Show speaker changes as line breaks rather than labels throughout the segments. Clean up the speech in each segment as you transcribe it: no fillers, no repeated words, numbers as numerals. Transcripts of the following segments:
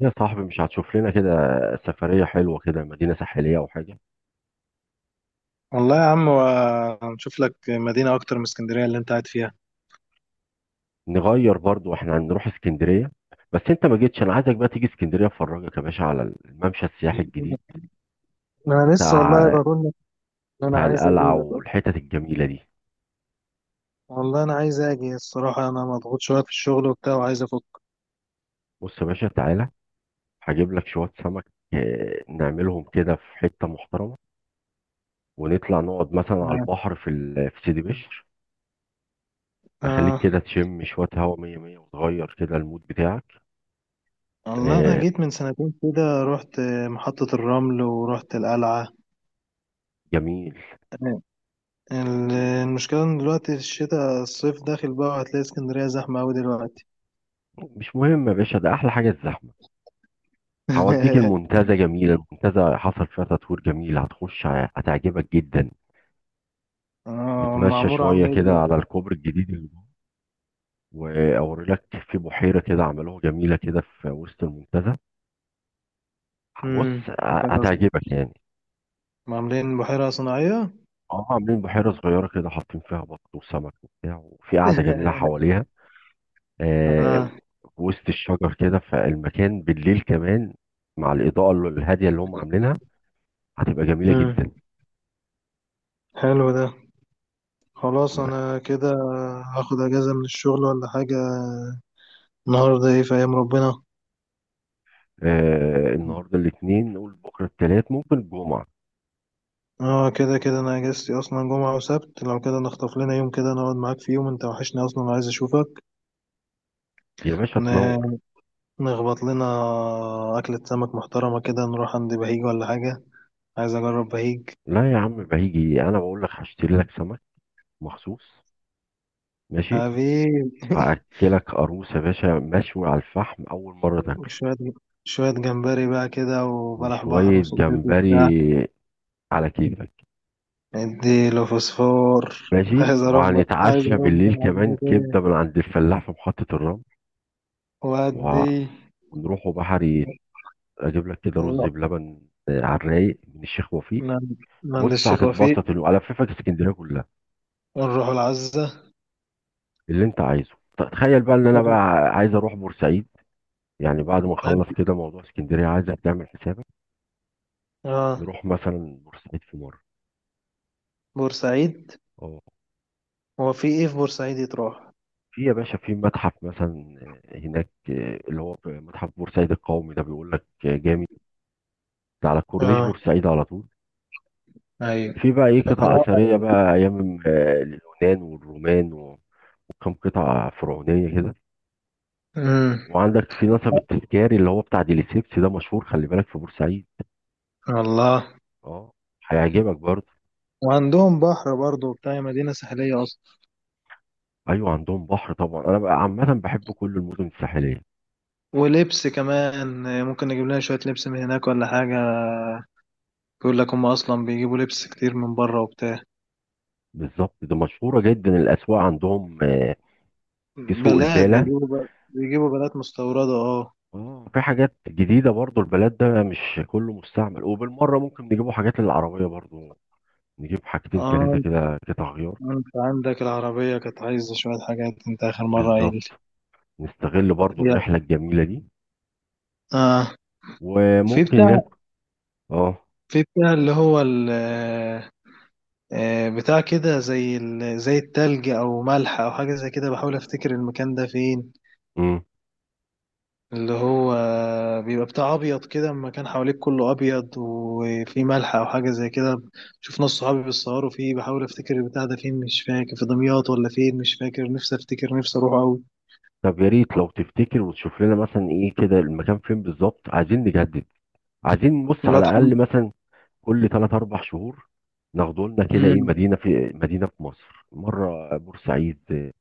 يا صاحبي مش هتشوف لنا كده سفرية حلوة كده، مدينة ساحلية أو حاجة؟
والله يا عم هنشوف لك مدينة أكتر من اسكندرية اللي أنت قاعد فيها.
نغير برضو، احنا هنروح اسكندرية. بس انت ما جيتش، انا عايزك بقى تيجي اسكندرية افرجك يا باشا على الممشى السياحي الجديد
انا لسه والله
بتاع
بقول لك ان انا
بتاع
عايز
القلعة
اجيلك أصلاً.
والحتت الجميلة دي.
والله أنا عايز أجي الصراحة، أنا مضغوط شوية في الشغل وبتاع وعايز أفك.
بص يا باشا، تعالى هجيب لك شوية سمك. اه، نعملهم كده في حتة محترمة، ونطلع نقعد مثلا على
آه.
البحر في سيدي بشر. اخليك
آه.
كده تشم شوية هوا مية مية، وتغير كده المود بتاعك.
والله أنا
اه،
جيت من سنتين كده، رحت محطة الرمل ورحت القلعة.
جميل.
آه. المشكلة إن دلوقتي الشتاء، الصيف داخل بقى وهتلاقي اسكندرية زحمة أوي دلوقتي.
مش مهم يا باشا، ده احلى حاجة الزحمة. هوديك المنتزه، جميله المنتزه، حصل فيها تطوير جميل، هتخش هتعجبك جدا.
آه،
نتمشى
والمعمورة
شويه
عاملة إيه
كده
دلوقتي؟
على الكوبري الجديد اللي جوه واوريلك. في بحيره كده عملوها جميله كده في وسط المنتزه.
مم.
بص هتعجبك يعني.
عاملين بحيرة صناعية.
اه، عاملين بحيره صغيره كده، حاطين فيها بط وسمك وبتاع، وفي قاعده جميله حواليها. آه
آه.
في وسط الشجر كده، فالمكان بالليل كمان مع الاضاءه الهاديه اللي هم عاملينها هتبقى جميله
امم
جدا.
حلو ده. خلاص، انا كده هاخد اجازة من الشغل ولا حاجة. النهاردة ايه في ايام ربنا؟
النهارده الاثنين، نقول بكره الثلاث، ممكن الجمعه.
اه، كده كده انا اجازتي اصلا جمعة وسبت، لو كده نخطف لنا يوم كده نقعد معاك في يوم، انت وحشني اصلا وعايز اشوفك.
يا باشا تنور.
ن- نخبط لنا اكلة سمك محترمة كده، نروح عند بهيج ولا حاجة. عايز اجرب بهيج.
لا يا عم بهيجي، انا بقول لك هشتري لك سمك مخصوص. ماشي.
حبيبي.
هاكلك قاروص يا باشا مشوي على الفحم، اول مره تاكله،
شوية شوية جمبري بقى كده، وبلح بحر
وشويه
وصبيط وبتاع.
جمبري على كيفك.
اديله فوسفور.
ماشي،
عايز ارمى، عايز
وهنتعشى
ارمى
بالليل كمان
العمتين
كبده من عند الفلاح في محطه الرمل،
وادي.
ونروحوا بحري اجيب لك كده رز
ونروح
بلبن. على الرايق من الشيخ وفيق.
من من عند
بص
الشيخ وفيق.
هتتبسط، الففك اسكندريه كلها
ونروح العزة.
اللي انت عايزه. تخيل بقى ان انا
طب.
بقى عايز اروح بورسعيد. يعني بعد ما نخلص كده موضوع اسكندريه، عايزك تعمل حسابك
اه،
نروح مثلا بورسعيد في مره.
بورسعيد.
اه،
هو في ايه في بورسعيد يتروح؟
في يا باشا، في متحف مثلا. آه، هناك آه، اللي هو في متحف بورسعيد القومي ده، بيقول لك جامد. ده على كورنيش
اه.
بورسعيد على طول.
ايوه.
في بقى ايه؟ قطع اثريه بقى، ايام اليونان والرومان و- وكم قطعه فرعونيه كده.
امم.
وعندك في نصب التذكاري اللي هو بتاع ديليسيبس ده، مشهور، خلي بالك في بورسعيد.
والله.
اه، هيعجبك برضه.
وعندهم بحر برضه، بتاع مدينة ساحلية أصلا.
ايوه عندهم بحر طبعا، انا بقى عامه بحب كل المدن الساحليه.
ولبس كمان، ممكن نجيب لنا شوية لبس من هناك ولا حاجة. بيقول لك هم أصلا بيجيبوا لبس كتير من بره وبتاع.
بالظبط، ده مشهوره جدا الاسواق عندهم في سوق
بلاد
البالة.
بيجيبوا بقى، بيجيبوا بلاد مستوردة، اه.
اه، في حاجات جديده برضو، البلد ده مش كله مستعمل. وبالمره ممكن نجيبوا حاجات للعربيه برضو، نجيب حاجتين
اه،
ثلاثه
انت
كده قطع غيار.
انت عندك العربية كانت عايزة شوية حاجات، انت آخر مرة قايل لي.
بالظبط، نستغل برضو
يا
الرحله الجميله دي.
اه، في
وممكن
بتاع،
هناك اه.
في بتاع اللي هو ال، آه، بتاع كده زي ال... زي التلج او ملح او حاجة زي كده، بحاول افتكر المكان ده فين.
امم.
اللي هو بيبقى بتاع ابيض كده، المكان حواليك كله ابيض وفي ملح او حاجه زي كده. شوف ناس صحابي بيتصوروا فيه، بحاول افتكر البتاع ده فين، مش فاكر في دمياط ولا فين، مش فاكر، نفسي افتكر، نفسي اروح قوي.
طب يا ريت لو تفتكر وتشوف لنا مثلا ايه كده المكان فين بالظبط، عايزين نجدد، عايزين نبص على
الواد حمد.
الاقل مثلا كل 3 4 شهور، ناخدوا لنا كده ايه،
امم.
مدينه في مدينه في مصر، مره بورسعيد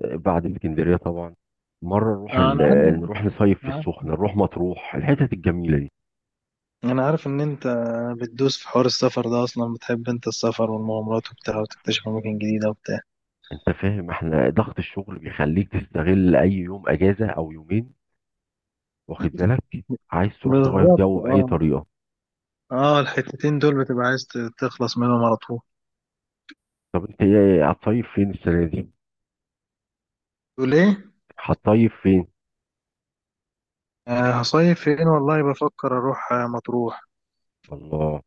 بعد اسكندريه طبعا، مره
انا عارف.
نروح نصيف في
أنا عارف.
السخنه، نروح مطروح الحتت الجميله دي.
أنا عارف ان انت بتدوس في حوار السفر ده اصلا، بتحب انت السفر والمغامرات وبتاع، وتكتشف اماكن جديده وبتاع.
انت فاهم، احنا ضغط الشغل بيخليك تستغل اي يوم اجازه او يومين، واخد بالك؟ عايز تروح تغير
بالظبط،
جو باي
اه.
طريقه.
اه، الحتتين دول بتبقى عايز تخلص منهم على طول.
طب انت ايه هتصيف فين السنه دي؟
تقول ايه؟
هتصيف فين؟
آه، هصيف فين، والله بفكر اروح آه، مطروح.
الله،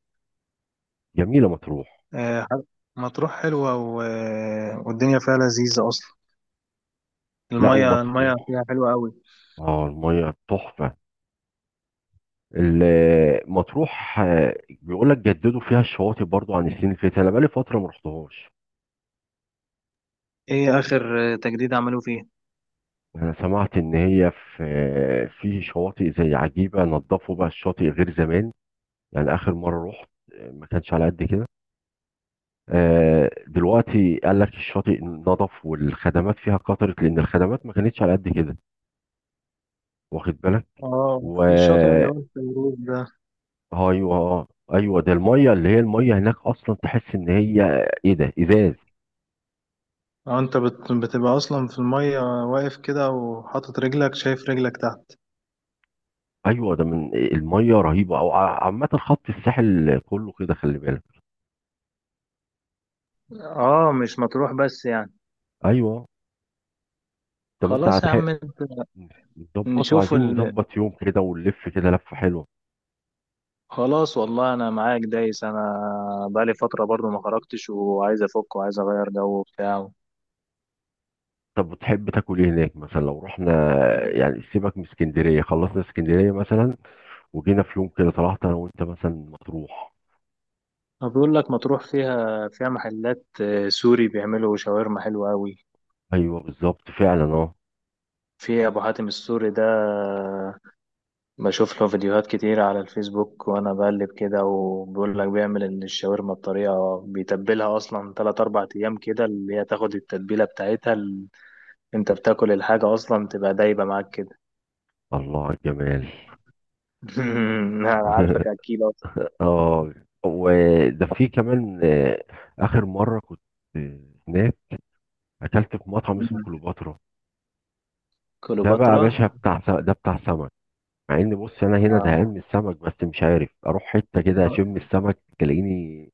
جميله مطروح.
آه، ح- مطروح حلوة و... آه، والدنيا فيها لذيذة اصلا.
لا
المية المية
ومطروح،
فيها حلوة قوي.
اه الميه تحفه. مطروح بيقول لك جددوا فيها الشواطئ برضو، عن السنين اللي فاتت انا بقالي فتره ما رحتهاش.
ايه اخر آه، تجديد عملوه فيه؟
انا سمعت ان هي في في شواطئ زي عجيبه، نظفوا بقى الشاطئ غير زمان. يعني اخر مره رحت، ما كانش على قد كده. دلوقتي قال لك الشاطئ نظف، والخدمات فيها كترت، لان الخدمات ما كانتش على قد كده، واخد بالك؟
اه،
و
في شاطئ اللي هو الفيروز ده.
ايوه، ايوه ده الميه، اللي هي الميه هناك اصلا تحس ان هي ايه ده، ازاز.
اه، بتبقى اصلا في المية واقف كده وحاطط رجلك، شايف رجلك تحت.
ايوه ده من الميه رهيبه، او عامه خط الساحل كله كده، خلي بالك.
اه، مش مطروح بس يعني.
ايوه. طب انت
خلاص يا
هتحق،
عم انت.
نظبط،
نشوف
وعايزين
ال...
نظبط يوم كده ونلف كده لفه حلوه.
خلاص والله انا معاك دايس انا. بقالي فترة برضو ما خرجتش وعايز افك وعايز اغير جو وبتاع.
طب وتحب تاكل ايه هناك مثلا لو رحنا؟ يعني سيبك من اسكندريه، خلصنا اسكندريه مثلا، وجينا في يوم كده طلعت انا وانت مثلا مطروح.
ما بيقول لك مطروح فيها، فيها محلات آه، سوري بيعملوا شاورما حلوة أوي.
ايوه بالظبط فعلا اه.
في أبو حاتم السوري ده آه، بشوف له فيديوهات كتير على الفيسبوك وأنا بقلب كده، وبيقول لك بيعمل الشاورما بطريقة بيتبلها أصلا تلات أربع أيام كده، اللي هي تاخد التتبيلة بتاعتها ال... أنت بتاكل الحاجة أصلا تبقى دايبة معاك كده.
الله على الجمال.
أنا عارفك أكيد أصلا.
اه، وده في كمان اخر مره كنت آه، هناك اكلت في مطعم اسمه كليوباترا. ده بقى يا باشا
كليوباترا.
بتاع ده بتاع سمك. مع ان بص انا هنا زهقان
آه.
من السمك، بس مش عارف اروح حته كده اشم السمك تلاقيني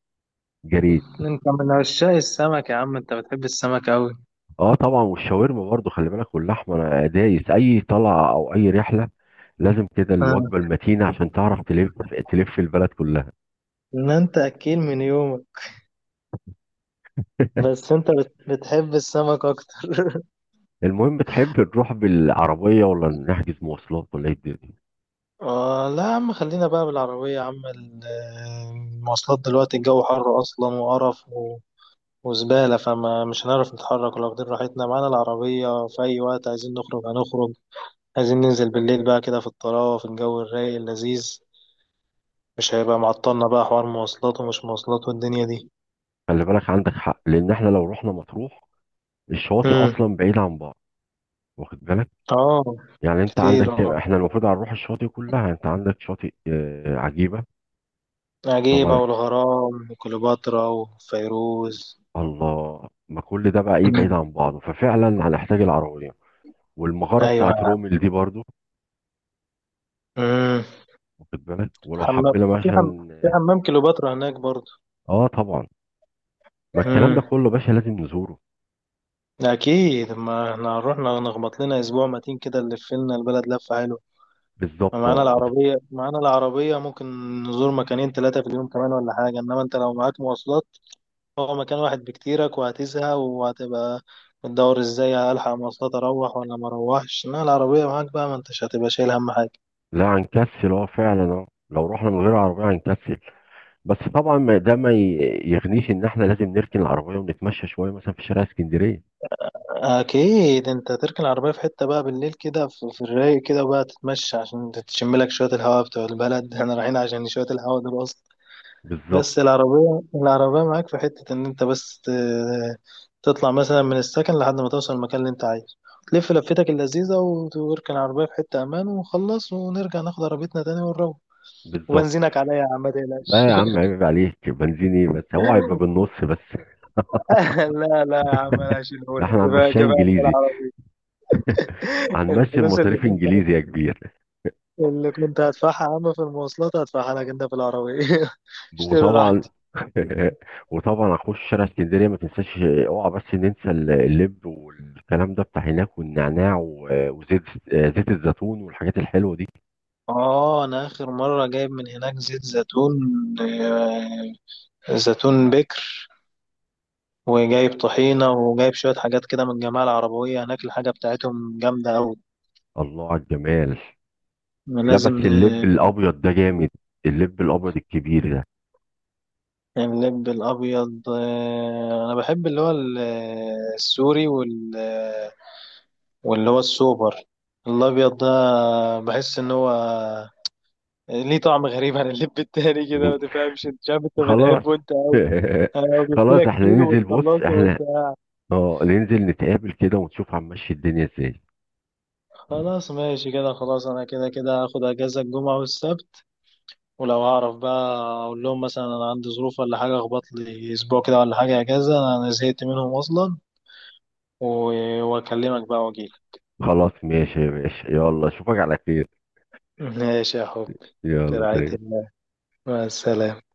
جريت.
أنت من عشاق السمك يا عم، أنت بتحب السمك أوي.
اه طبعا، والشاورما برضو خلي بالك، واللحمه، انا دايس اي طلعه او اي رحله لازم كده الوجبه المتينه عشان تعرف تلف تلف البلد كلها.
ان انت اكيل من يومك، بس بتحب السمك اكتر.
المهم، تحب نروح بالعربيه ولا نحجز مواصلات ولا ايه الدنيا؟
آه لا يا عم، خلينا بقى بالعربية يا عم. المواصلات دلوقتي الجو حر اصلا وقرف و... وزبالة، فما مش هنعرف نتحرك، ولا واخدين راحتنا معانا العربية، في أي وقت عايزين نخرج هنخرج. عايزين ننزل بالليل بقى كده في الطراوة، في الجو الرايق اللذيذ. مش هيبقى معطلنا بقى حوار مواصلات ومش مواصلات والدنيا دي.
خلي بالك، عندك حق، لان احنا لو رحنا مطروح الشواطئ
امم.
اصلا بعيده عن بعض، واخد بالك؟
اه.
يعني انت عندك
كتير،
كام؟
اه.
احنا المفروض هنروح الشواطئ كلها، انت عندك شاطئ عجيبة
عجيبة
طبعا.
والغرام وكليوباترا وفيروز.
الله، ما كل ده بقى ايه بعيد
مم.
عن بعضه، ففعلا هنحتاج العربية. والمغارة بتاعت
ايوه.
رومل دي برضو،
امم.
واخد بالك؟ ولو
حمام
حبينا
وفي حم... في
مثلا
حمام كليوباترا هناك برضه.
اه طبعا، ما الكلام ده
امم.
كله باشا لازم نزوره.
اكيد، ما احنا هنروح نخبط لنا اسبوع متين كده، نلف لنا البلد لفه حلوه. ما
بالظبط
معانا
اه
العربيه، معانا العربيه ممكن نزور مكانين ثلاثه في اليوم كمان ولا حاجه، انما انت لو معاك مواصلات، هو مكان واحد بكتيرك وهتزهق وهتبقى بتدور ازاي هلحق مواصلات، اروح ولا ما اروحش. انما العربيه معاك بقى ما انتش هتبقى شايل هم حاجه.
لا هنكسل، اه فعلا، اه لو رحنا من غير عربية هنكسل. بس طبعا ده ما يغنيش ان احنا لازم نركن العربية ونتمشى شوية مثلا في شارع اسكندرية.
اكيد، انت تركن العربيه في حته بقى بالليل كده في الرايق كده بقى، تتمشى عشان تشم لك شويه الهواء بتوع البلد. احنا رايحين عشان شويه الهواء دول اصلا.
بالظبط
بس العربيه، العربيه معاك في حته، ان انت بس تطلع مثلا من السكن لحد ما توصل المكان اللي انت عايزه، تلف لفتك اللذيذه وتركن العربيه في حته امان، ونخلص ونرجع ناخد عربيتنا تاني ونروح.
بالظبط.
وبنزينك عليا يا عم، ما تقلقش.
لا يا عم عيب عليك بنزيني، بس هو هيبقى بالنص بس.
لا يا عم، انا هشيلهولك،
احنا
كفايه
هنمشيها
كفايه انت
انجليزي،
العربيه.
هنمشي
الفلوس اللي
المصاريف انجليزي يا كبير.
اللي كنت هدفعها يا عم في المواصلات هدفعها لك انت في العربية. اشتري
وطبعا
راحتي.
وطبعا هخش شارع اسكندريه ما تنساش. اوعى بس ننسى اللب والكلام ده بتاع هناك، والنعناع وزيت زيت الزيتون والحاجات الحلوه دي.
اه، انا اخر مرة جايب من هناك زيت زيتون، آه، زيتون بكر، وجايب طحينة وجايب شوية حاجات كده من الجماعة العربوية هناك، الحاجة بتاعتهم جامدة أوي.
الله على الجمال. لا
لازم
بس اللب
ن-
الابيض ده جامد، اللب الابيض الكبير ده.
يعني اللب الأبيض، آه، أنا بحب اللي هو السوري وال... واللي هو السوبر الأبيض ده، بحس إن هو يعني ليه طعم غريب عن اللب التاني كده،
م.
ما تفهمش انت، شايف انت
خلاص.
بتحبه انت. انا لو جبت
خلاص
لك
احنا
كيلو
ننزل، بص
وتخلصه
احنا
وانت.
اه ننزل نتقابل كده، ونشوف هنمشي الدنيا ازاي.
خلاص ماشي كده. خلاص، انا كده كده هاخد اجازه الجمعه والسبت، ولو هعرف بقى اقول لهم مثلا انا عندي ظروف ولا حاجه، اخبط لي اسبوع كده ولا حاجه اجازه، انا زهقت منهم اصلا. واكلمك بقى واجيلك.
خلاص ماشي ماشي، يلا اشوفك على خير.
ماشي يا حبي. في
يلا
رعايه
سلام.
الله. مع السلامه.